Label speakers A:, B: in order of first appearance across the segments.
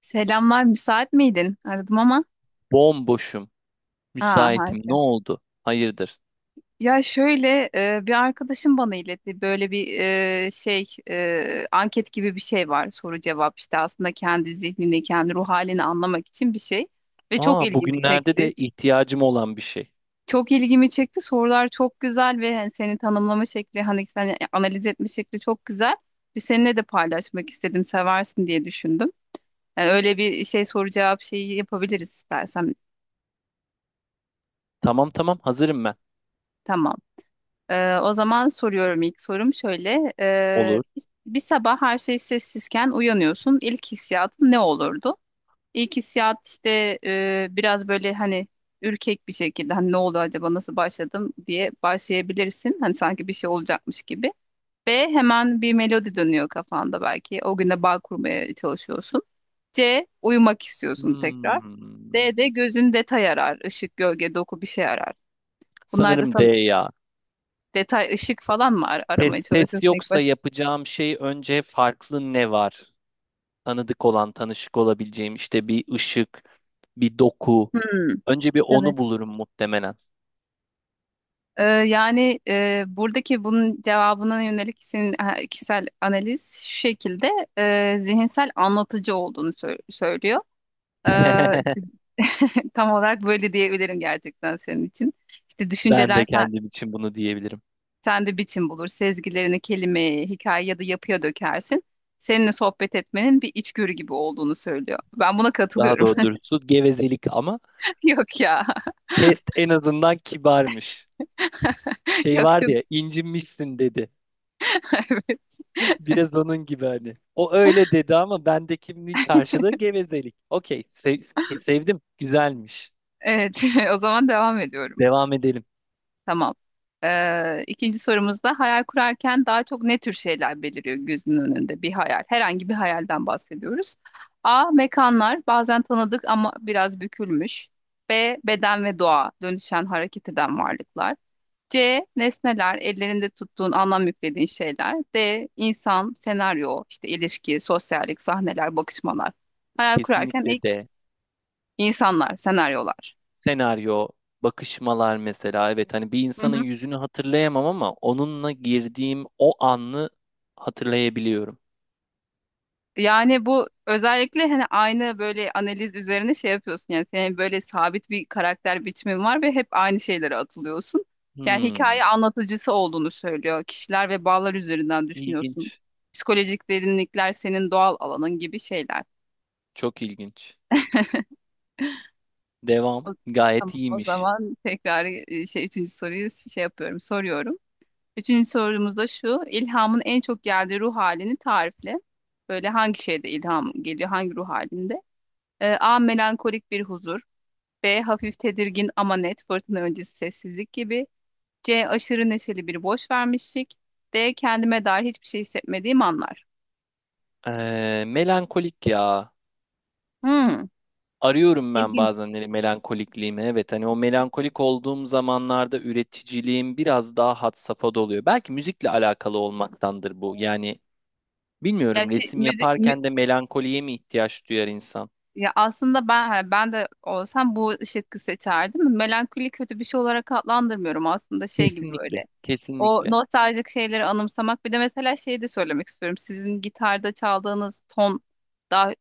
A: Selamlar, müsait miydin? Aradım ama.
B: Bomboşum.
A: Aa,
B: Müsaitim. Ne
A: harika.
B: oldu? Hayırdır?
A: Ya şöyle bir arkadaşım bana iletti. Böyle bir anket gibi bir şey var. Soru cevap işte aslında kendi zihnini, kendi ruh halini anlamak için bir şey. Ve çok ilgimi
B: Bugünlerde
A: çekti.
B: de ihtiyacım olan bir şey.
A: Çok ilgimi çekti. Sorular çok güzel ve hani seni tanımlama şekli, hani seni analiz etme şekli çok güzel. Bir seninle de paylaşmak istedim, seversin diye düşündüm. Yani öyle bir şey soru cevap şeyi yapabiliriz istersen.
B: Tamam, hazırım ben.
A: Tamam. O zaman soruyorum, ilk sorum şöyle. Ee,
B: Olur.
A: bir bir sabah her şey sessizken uyanıyorsun. İlk hissiyatın ne olurdu? İlk hissiyat işte biraz böyle hani ürkek bir şekilde hani ne oldu acaba, nasıl başladım diye başlayabilirsin. Hani sanki bir şey olacakmış gibi. B, hemen bir melodi dönüyor kafanda belki. O güne bağ kurmaya çalışıyorsun. C, uyumak istiyorsun tekrar.
B: Hmm.
A: D de gözün detay arar. Işık, gölge, doku bir şey arar. Bunlar da
B: Sanırım D
A: sana
B: ya.
A: detay, ışık falan mı
B: Ses,
A: aramaya
B: ses
A: çalışıyorsun ilk
B: yoksa
A: başta?
B: yapacağım şey önce farklı ne var? Tanıdık olan, tanışık olabileceğim işte bir ışık, bir doku.
A: Hmm,
B: Önce bir
A: evet.
B: onu bulurum muhtemelen.
A: Buradaki bunun cevabına yönelik senin kişisel analiz şu şekilde zihinsel anlatıcı olduğunu söylüyor. Ee, tam olarak böyle diyebilirim gerçekten senin için. İşte
B: Ben
A: düşünceler
B: de
A: sen,
B: kendim için bunu diyebilirim.
A: sende biçim bulur, sezgilerini kelimeye, hikaye ya da yapıya dökersin. Seninle sohbet etmenin bir içgörü gibi olduğunu söylüyor. Ben buna
B: Daha
A: katılıyorum.
B: doğrusu gevezelik ama
A: Yok ya.
B: test en azından kibarmış. Şey
A: Yok
B: var
A: ya.
B: ya incinmişsin dedi.
A: Evet.
B: Biraz onun gibi hani. O öyle dedi ama bendekinin karşılığı gevezelik. Okey, sevdim, güzelmiş.
A: Evet, o zaman devam ediyorum.
B: Devam edelim.
A: Tamam. İkinci sorumuzda hayal kurarken daha çok ne tür şeyler beliriyor gözünün önünde? Bir hayal, herhangi bir hayalden bahsediyoruz. A. Mekanlar, bazen tanıdık ama biraz bükülmüş. B. Beden ve doğa, dönüşen, hareket eden varlıklar. C. Nesneler, ellerinde tuttuğun, anlam yüklediğin şeyler. D. İnsan, senaryo, işte ilişki, sosyallik, sahneler, bakışmalar. Hayal kurarken
B: Kesinlikle
A: ilk
B: de
A: insanlar, senaryolar.
B: senaryo, bakışmalar mesela. Evet, hani bir
A: Hı
B: insanın
A: hı.
B: yüzünü hatırlayamam ama onunla girdiğim o anı hatırlayabiliyorum.
A: Yani bu özellikle hani aynı böyle analiz üzerine şey yapıyorsun, yani senin böyle sabit bir karakter biçimin var ve hep aynı şeylere atılıyorsun. Yani
B: Hmm,
A: hikaye anlatıcısı olduğunu söylüyor. Kişiler ve bağlar üzerinden düşünüyorsun.
B: ilginç.
A: Psikolojik derinlikler senin doğal alanın gibi şeyler.
B: Çok ilginç. Devam.
A: O-
B: Gayet
A: Tamam, o
B: iyiymiş.
A: zaman tekrar üçüncü soruyu şey yapıyorum, soruyorum. Üçüncü sorumuz da şu: ilhamın en çok geldiği ruh halini tarifle. Böyle hangi şeyde ilham geliyor, hangi ruh halinde? A. Melankolik bir huzur. B. Hafif tedirgin ama net, fırtına öncesi sessizlik gibi. C. Aşırı neşeli bir boş vermişlik. D. Kendime dair hiçbir şey hissetmediğim anlar.
B: Melankolik ya.
A: Hmm,
B: Arıyorum ben
A: ilginç.
B: bazen hani melankolikliğimi. Evet, hani o melankolik olduğum zamanlarda üreticiliğim biraz daha had safhada oluyor. Belki müzikle alakalı olmaktandır bu. Yani
A: Ya,
B: bilmiyorum,
A: şey,
B: resim
A: müzi- mü-
B: yaparken de melankoliye mi ihtiyaç duyar insan?
A: Ya aslında ben ha, ben de olsam bu şıkkı seçerdim. Melankoli kötü bir şey olarak adlandırmıyorum aslında, şey gibi böyle.
B: Kesinlikle,
A: O
B: kesinlikle.
A: nostaljik şeyleri anımsamak. Bir de mesela şey de söylemek istiyorum. Sizin gitarda çaldığınız ton daha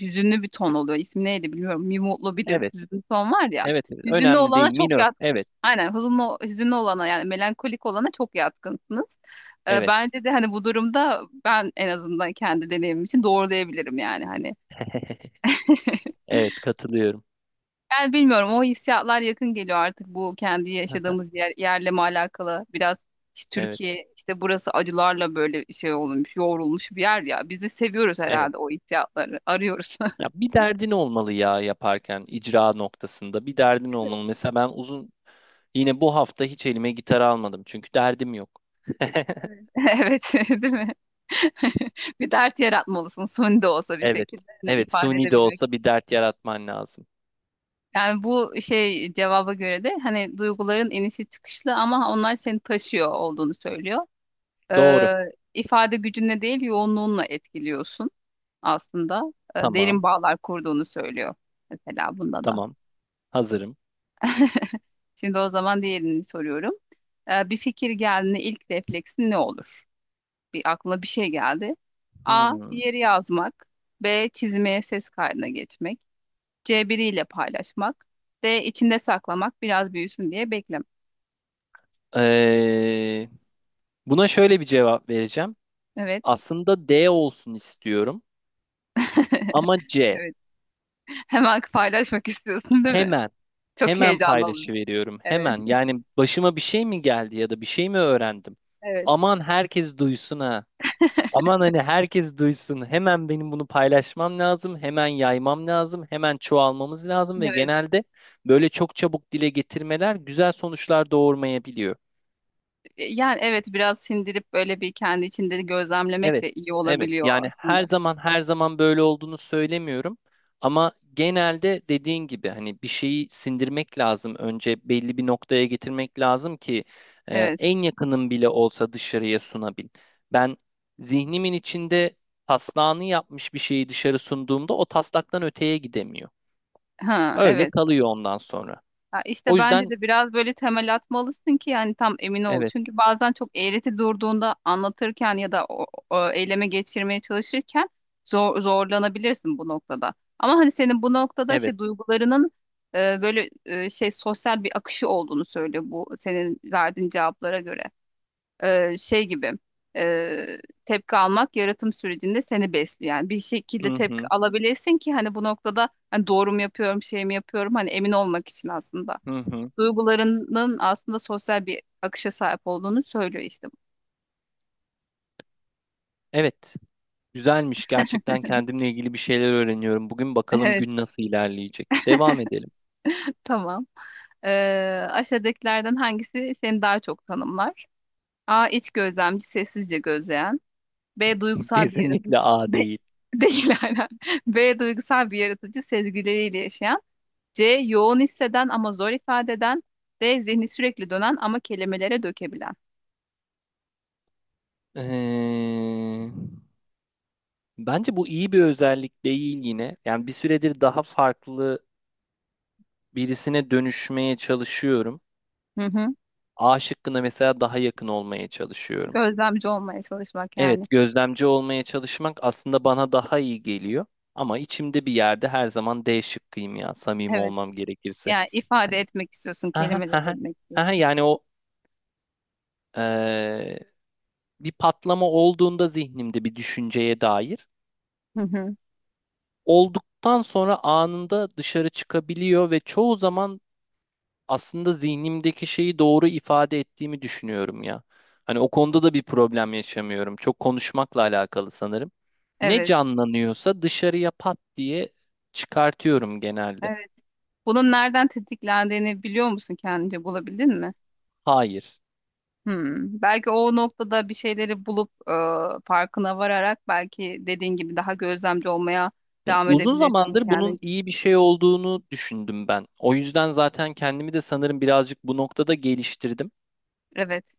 A: hüzünlü bir ton oluyor. İsmi neydi bilmiyorum. Bir mutlu bir de
B: Evet,
A: hüzünlü ton var ya.
B: evet, evet.
A: Hüzünlü
B: Önemli
A: olana
B: değil,
A: çok
B: minör.
A: yatkın.
B: Evet,
A: Aynen, hüzünlü olana yani melankolik olana çok yatkınsınız.
B: evet.
A: Bence de hani bu durumda ben en azından kendi deneyimim için doğrulayabilirim yani hani.
B: Evet, katılıyorum.
A: Yani bilmiyorum, o hissiyatlar yakın geliyor artık bu kendi yaşadığımız yerle mi alakalı, biraz işte
B: Evet,
A: Türkiye, işte burası acılarla böyle şey olmuş, yoğrulmuş bir yer ya, biz de seviyoruz
B: evet.
A: herhalde, o hissiyatları arıyoruz.
B: Ya bir derdin olmalı, ya yaparken icra noktasında bir derdin olmalı. Mesela ben uzun yine bu hafta hiç elime gitar almadım çünkü derdim yok.
A: Evet. Evet, değil mi? Bir dert yaratmalısın, suni de olsa, bir
B: Evet.
A: şekilde hani
B: Evet,
A: ifade
B: suni de
A: edebilmek.
B: olsa bir dert yaratman lazım.
A: Yani bu şey cevaba göre de hani duyguların inişi çıkışlı ama onlar seni taşıyor olduğunu söylüyor.
B: Doğru.
A: e, ifade gücünle değil, yoğunluğunla etkiliyorsun aslında. Derin
B: Tamam.
A: bağlar kurduğunu söylüyor mesela bunda da.
B: Tamam. Hazırım.
A: Şimdi o zaman diğerini soruyorum. Bir fikir geldiğinde ilk refleksin ne olur? Bir aklına bir şey geldi. A.
B: Hmm.
A: Yeri yazmak. B. Çizmeye, ses kaydına geçmek. C. Biriyle paylaşmak. D. içinde saklamak, biraz büyüsün diye beklemek.
B: Ee, Buna şöyle bir cevap vereceğim.
A: Evet.
B: Aslında D olsun istiyorum ama C.
A: Evet. Hemen paylaşmak istiyorsun değil mi?
B: Hemen,
A: Çok
B: hemen
A: heyecanlı.
B: paylaşıveriyorum.
A: Evet.
B: Hemen. Yani başıma bir şey mi geldi ya da bir şey mi öğrendim?
A: Evet.
B: Aman herkes duysun ha. Aman, hani herkes duysun. Hemen benim bunu paylaşmam lazım. Hemen yaymam lazım. Hemen çoğalmamız lazım ve
A: Evet.
B: genelde böyle çok çabuk dile getirmeler güzel sonuçlar doğurmayabiliyor.
A: Yani evet, biraz sindirip böyle bir kendi içinde gözlemlemek
B: Evet,
A: de iyi
B: evet.
A: olabiliyor
B: Yani her
A: aslında.
B: zaman, her zaman böyle olduğunu söylemiyorum. Ama genelde dediğin gibi hani bir şeyi sindirmek lazım. Önce belli bir noktaya getirmek lazım ki
A: Evet.
B: en yakınım bile olsa dışarıya sunabil. Ben zihnimin içinde taslağını yapmış bir şeyi dışarı sunduğumda o taslaktan öteye gidemiyor.
A: Ha
B: Öyle
A: evet.
B: kalıyor ondan sonra.
A: Ha, işte
B: O
A: bence
B: yüzden
A: de biraz böyle temel atmalısın ki yani tam emin ol.
B: evet,
A: Çünkü bazen çok eğreti durduğunda anlatırken ya da o eyleme geçirmeye çalışırken zorlanabilirsin bu noktada. Ama hani senin bu noktada
B: evet.
A: şey duygularının şey sosyal bir akışı olduğunu söylüyor bu senin verdiğin cevaplara göre. Şey gibi e, tepki almak yaratım sürecinde seni besliyor. Yani bir
B: Hı
A: şekilde tepki
B: hı,
A: alabilesin ki hani bu noktada hani doğru mu yapıyorum, şey mi yapıyorum hani emin olmak için aslında.
B: hı hı.
A: Duygularının aslında sosyal bir akışa sahip olduğunu söylüyor işte bu.
B: Evet. Güzelmiş. Gerçekten kendimle ilgili bir şeyler öğreniyorum. Bugün bakalım
A: Evet.
B: gün nasıl ilerleyecek. Devam edelim.
A: Tamam. E, Aşağıdakilerden hangisi seni daha çok tanımlar? A. İç gözlemci, sessizce gözleyen. B. Duygusal bir yaratıcı.
B: Kesinlikle A
A: B-
B: değil.
A: Değil, aynen. B. Duygusal bir yaratıcı, sezgileriyle yaşayan. C. Yoğun hisseden ama zor ifade eden. D. Zihni sürekli dönen ama kelimelere dökebilen.
B: Ee, Bence bu iyi bir özellik değil yine. Yani bir süredir daha farklı birisine dönüşmeye çalışıyorum.
A: Hı hı.
B: A şıkkına mesela daha yakın olmaya çalışıyorum.
A: Gözlemci olmaya çalışmak yani.
B: Evet, gözlemci olmaya çalışmak aslında bana daha iyi geliyor. Ama içimde bir yerde her zaman D şıkkıyım ya, samimi
A: Evet.
B: olmam gerekirse.
A: Yani ifade
B: Hani,
A: etmek istiyorsun,
B: aha,
A: kelimelere
B: aha,
A: dönmek
B: aha,
A: istiyorsun.
B: yani o Ee, bir patlama olduğunda zihnimde bir düşünceye dair
A: Hı hı.
B: olduktan sonra anında dışarı çıkabiliyor ve çoğu zaman aslında zihnimdeki şeyi doğru ifade ettiğimi düşünüyorum ya. Hani o konuda da bir problem yaşamıyorum. Çok konuşmakla alakalı sanırım. Ne
A: Evet.
B: canlanıyorsa dışarıya pat diye çıkartıyorum genelde.
A: Evet. Bunun nereden tetiklendiğini biliyor musun, kendince bulabildin mi?
B: Hayır.
A: Hmm. Belki o noktada bir şeyleri bulup farkına vararak belki, dediğin gibi, daha gözlemci olmaya
B: Ya
A: devam
B: uzun
A: edebilirsin
B: zamandır bunun
A: kendin.
B: iyi bir şey olduğunu düşündüm ben. O yüzden zaten kendimi de sanırım birazcık bu noktada geliştirdim.
A: Evet.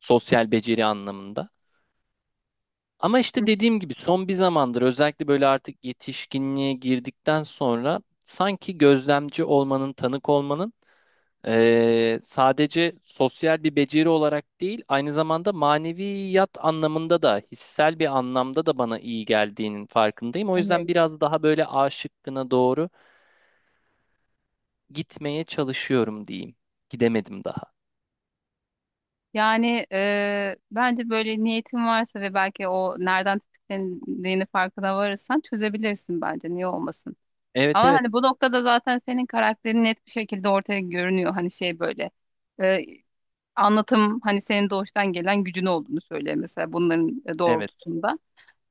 B: Sosyal beceri anlamında. Ama
A: Hı
B: işte
A: hı.
B: dediğim gibi son bir zamandır özellikle böyle artık yetişkinliğe girdikten sonra sanki gözlemci olmanın, tanık olmanın sadece sosyal bir beceri olarak değil, aynı zamanda maneviyat anlamında da, hissel bir anlamda da bana iyi geldiğinin farkındayım. O yüzden
A: Evet.
B: biraz daha böyle A şıkkına doğru gitmeye çalışıyorum diyeyim. Gidemedim daha.
A: Bence böyle niyetin varsa ve belki o nereden tetiklendiğini farkına varırsan çözebilirsin bence. Niye olmasın?
B: Evet,
A: Ama
B: evet,
A: hani bu noktada zaten senin karakterin net bir şekilde ortaya görünüyor. Hani şey böyle eee, Anlatım hani senin doğuştan gelen gücün olduğunu söylüyor mesela bunların
B: evet,
A: doğrultusunda.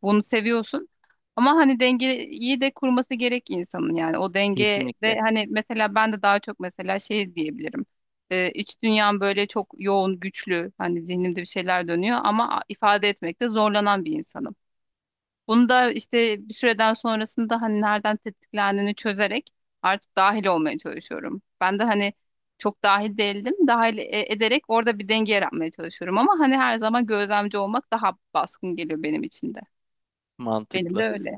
A: Bunu seviyorsun. Ama hani dengeyi de kurması gerek insanın yani. O denge
B: kesinlikle
A: de hani mesela ben de daha çok mesela şey diyebilirim. İç dünyam böyle çok yoğun, güçlü. Hani zihnimde bir şeyler dönüyor ama ifade etmekte zorlanan bir insanım. Bunu da işte bir süreden sonrasında hani nereden tetiklendiğini çözerek artık dahil olmaya çalışıyorum. Ben de hani çok dahil değildim. Ederek orada bir denge yaratmaya çalışıyorum ama hani her zaman gözlemci olmak daha baskın geliyor benim için de. Benim de
B: mantıklı.
A: öyle.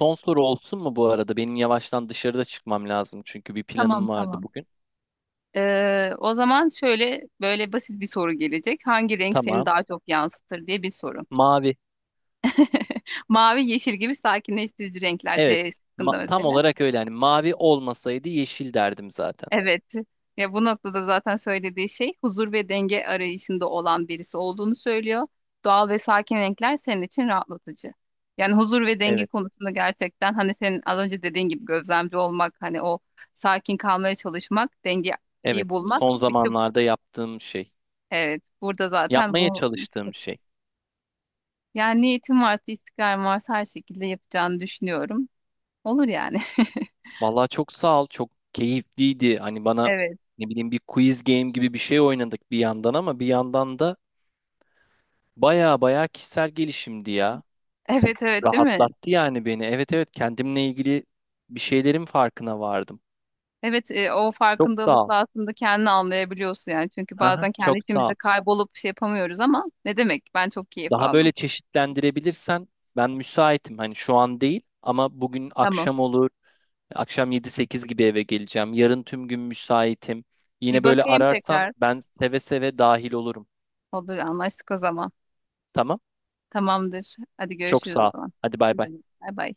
B: Son soru olsun mu bu arada? Benim yavaştan dışarıda çıkmam lazım çünkü bir
A: Tamam
B: planım vardı
A: tamam.
B: bugün.
A: O zaman şöyle böyle basit bir soru gelecek. Hangi renk seni
B: Tamam.
A: daha çok yansıtır diye bir soru.
B: Mavi.
A: Mavi, yeşil gibi sakinleştirici renkler
B: Evet.
A: C şıkkında
B: Tam
A: mesela.
B: olarak öyle. Yani mavi olmasaydı yeşil derdim zaten.
A: Evet. Ya bu noktada zaten söylediği şey, huzur ve denge arayışında olan birisi olduğunu söylüyor. Doğal ve sakin renkler senin için rahatlatıcı. Yani huzur ve denge
B: Evet.
A: konusunda gerçekten hani senin az önce dediğin gibi gözlemci olmak, hani o sakin kalmaya çalışmak,
B: Evet.
A: dengeyi bulmak.
B: Son
A: İşte
B: zamanlarda yaptığım şey.
A: evet, burada zaten
B: Yapmaya
A: bu.
B: çalıştığım şey.
A: Yani niyetim varsa, istikrarım varsa her şekilde yapacağını düşünüyorum. Olur yani.
B: Vallahi çok sağ ol. Çok keyifliydi. Hani bana
A: Evet.
B: ne bileyim bir quiz game gibi bir şey oynadık bir yandan ama bir yandan da baya baya kişisel gelişimdi ya.
A: Evet evet, değil mi?
B: Rahatlattı yani beni. Evet, evet, kendimle ilgili bir şeylerin farkına vardım.
A: Evet, o
B: Çok sağ ol.
A: farkındalıkla aslında kendini anlayabiliyorsun yani. Çünkü
B: Hı hı,
A: bazen kendi
B: çok sağ ol.
A: içimizde kaybolup şey yapamıyoruz ama ne demek? Ben çok keyif
B: Daha böyle
A: aldım.
B: çeşitlendirebilirsen ben müsaitim. Hani şu an değil ama bugün
A: Tamam.
B: akşam olur. Akşam 7-8 gibi eve geleceğim. Yarın tüm gün müsaitim.
A: Bir
B: Yine böyle
A: bakayım
B: ararsan
A: tekrar.
B: ben seve seve dahil olurum.
A: Olur, anlaştık o zaman.
B: Tamam?
A: Tamamdır. Hadi
B: Çok
A: görüşürüz o
B: sağ ol.
A: zaman.
B: Hadi bay
A: Ne
B: bay.
A: demek? Bay bay.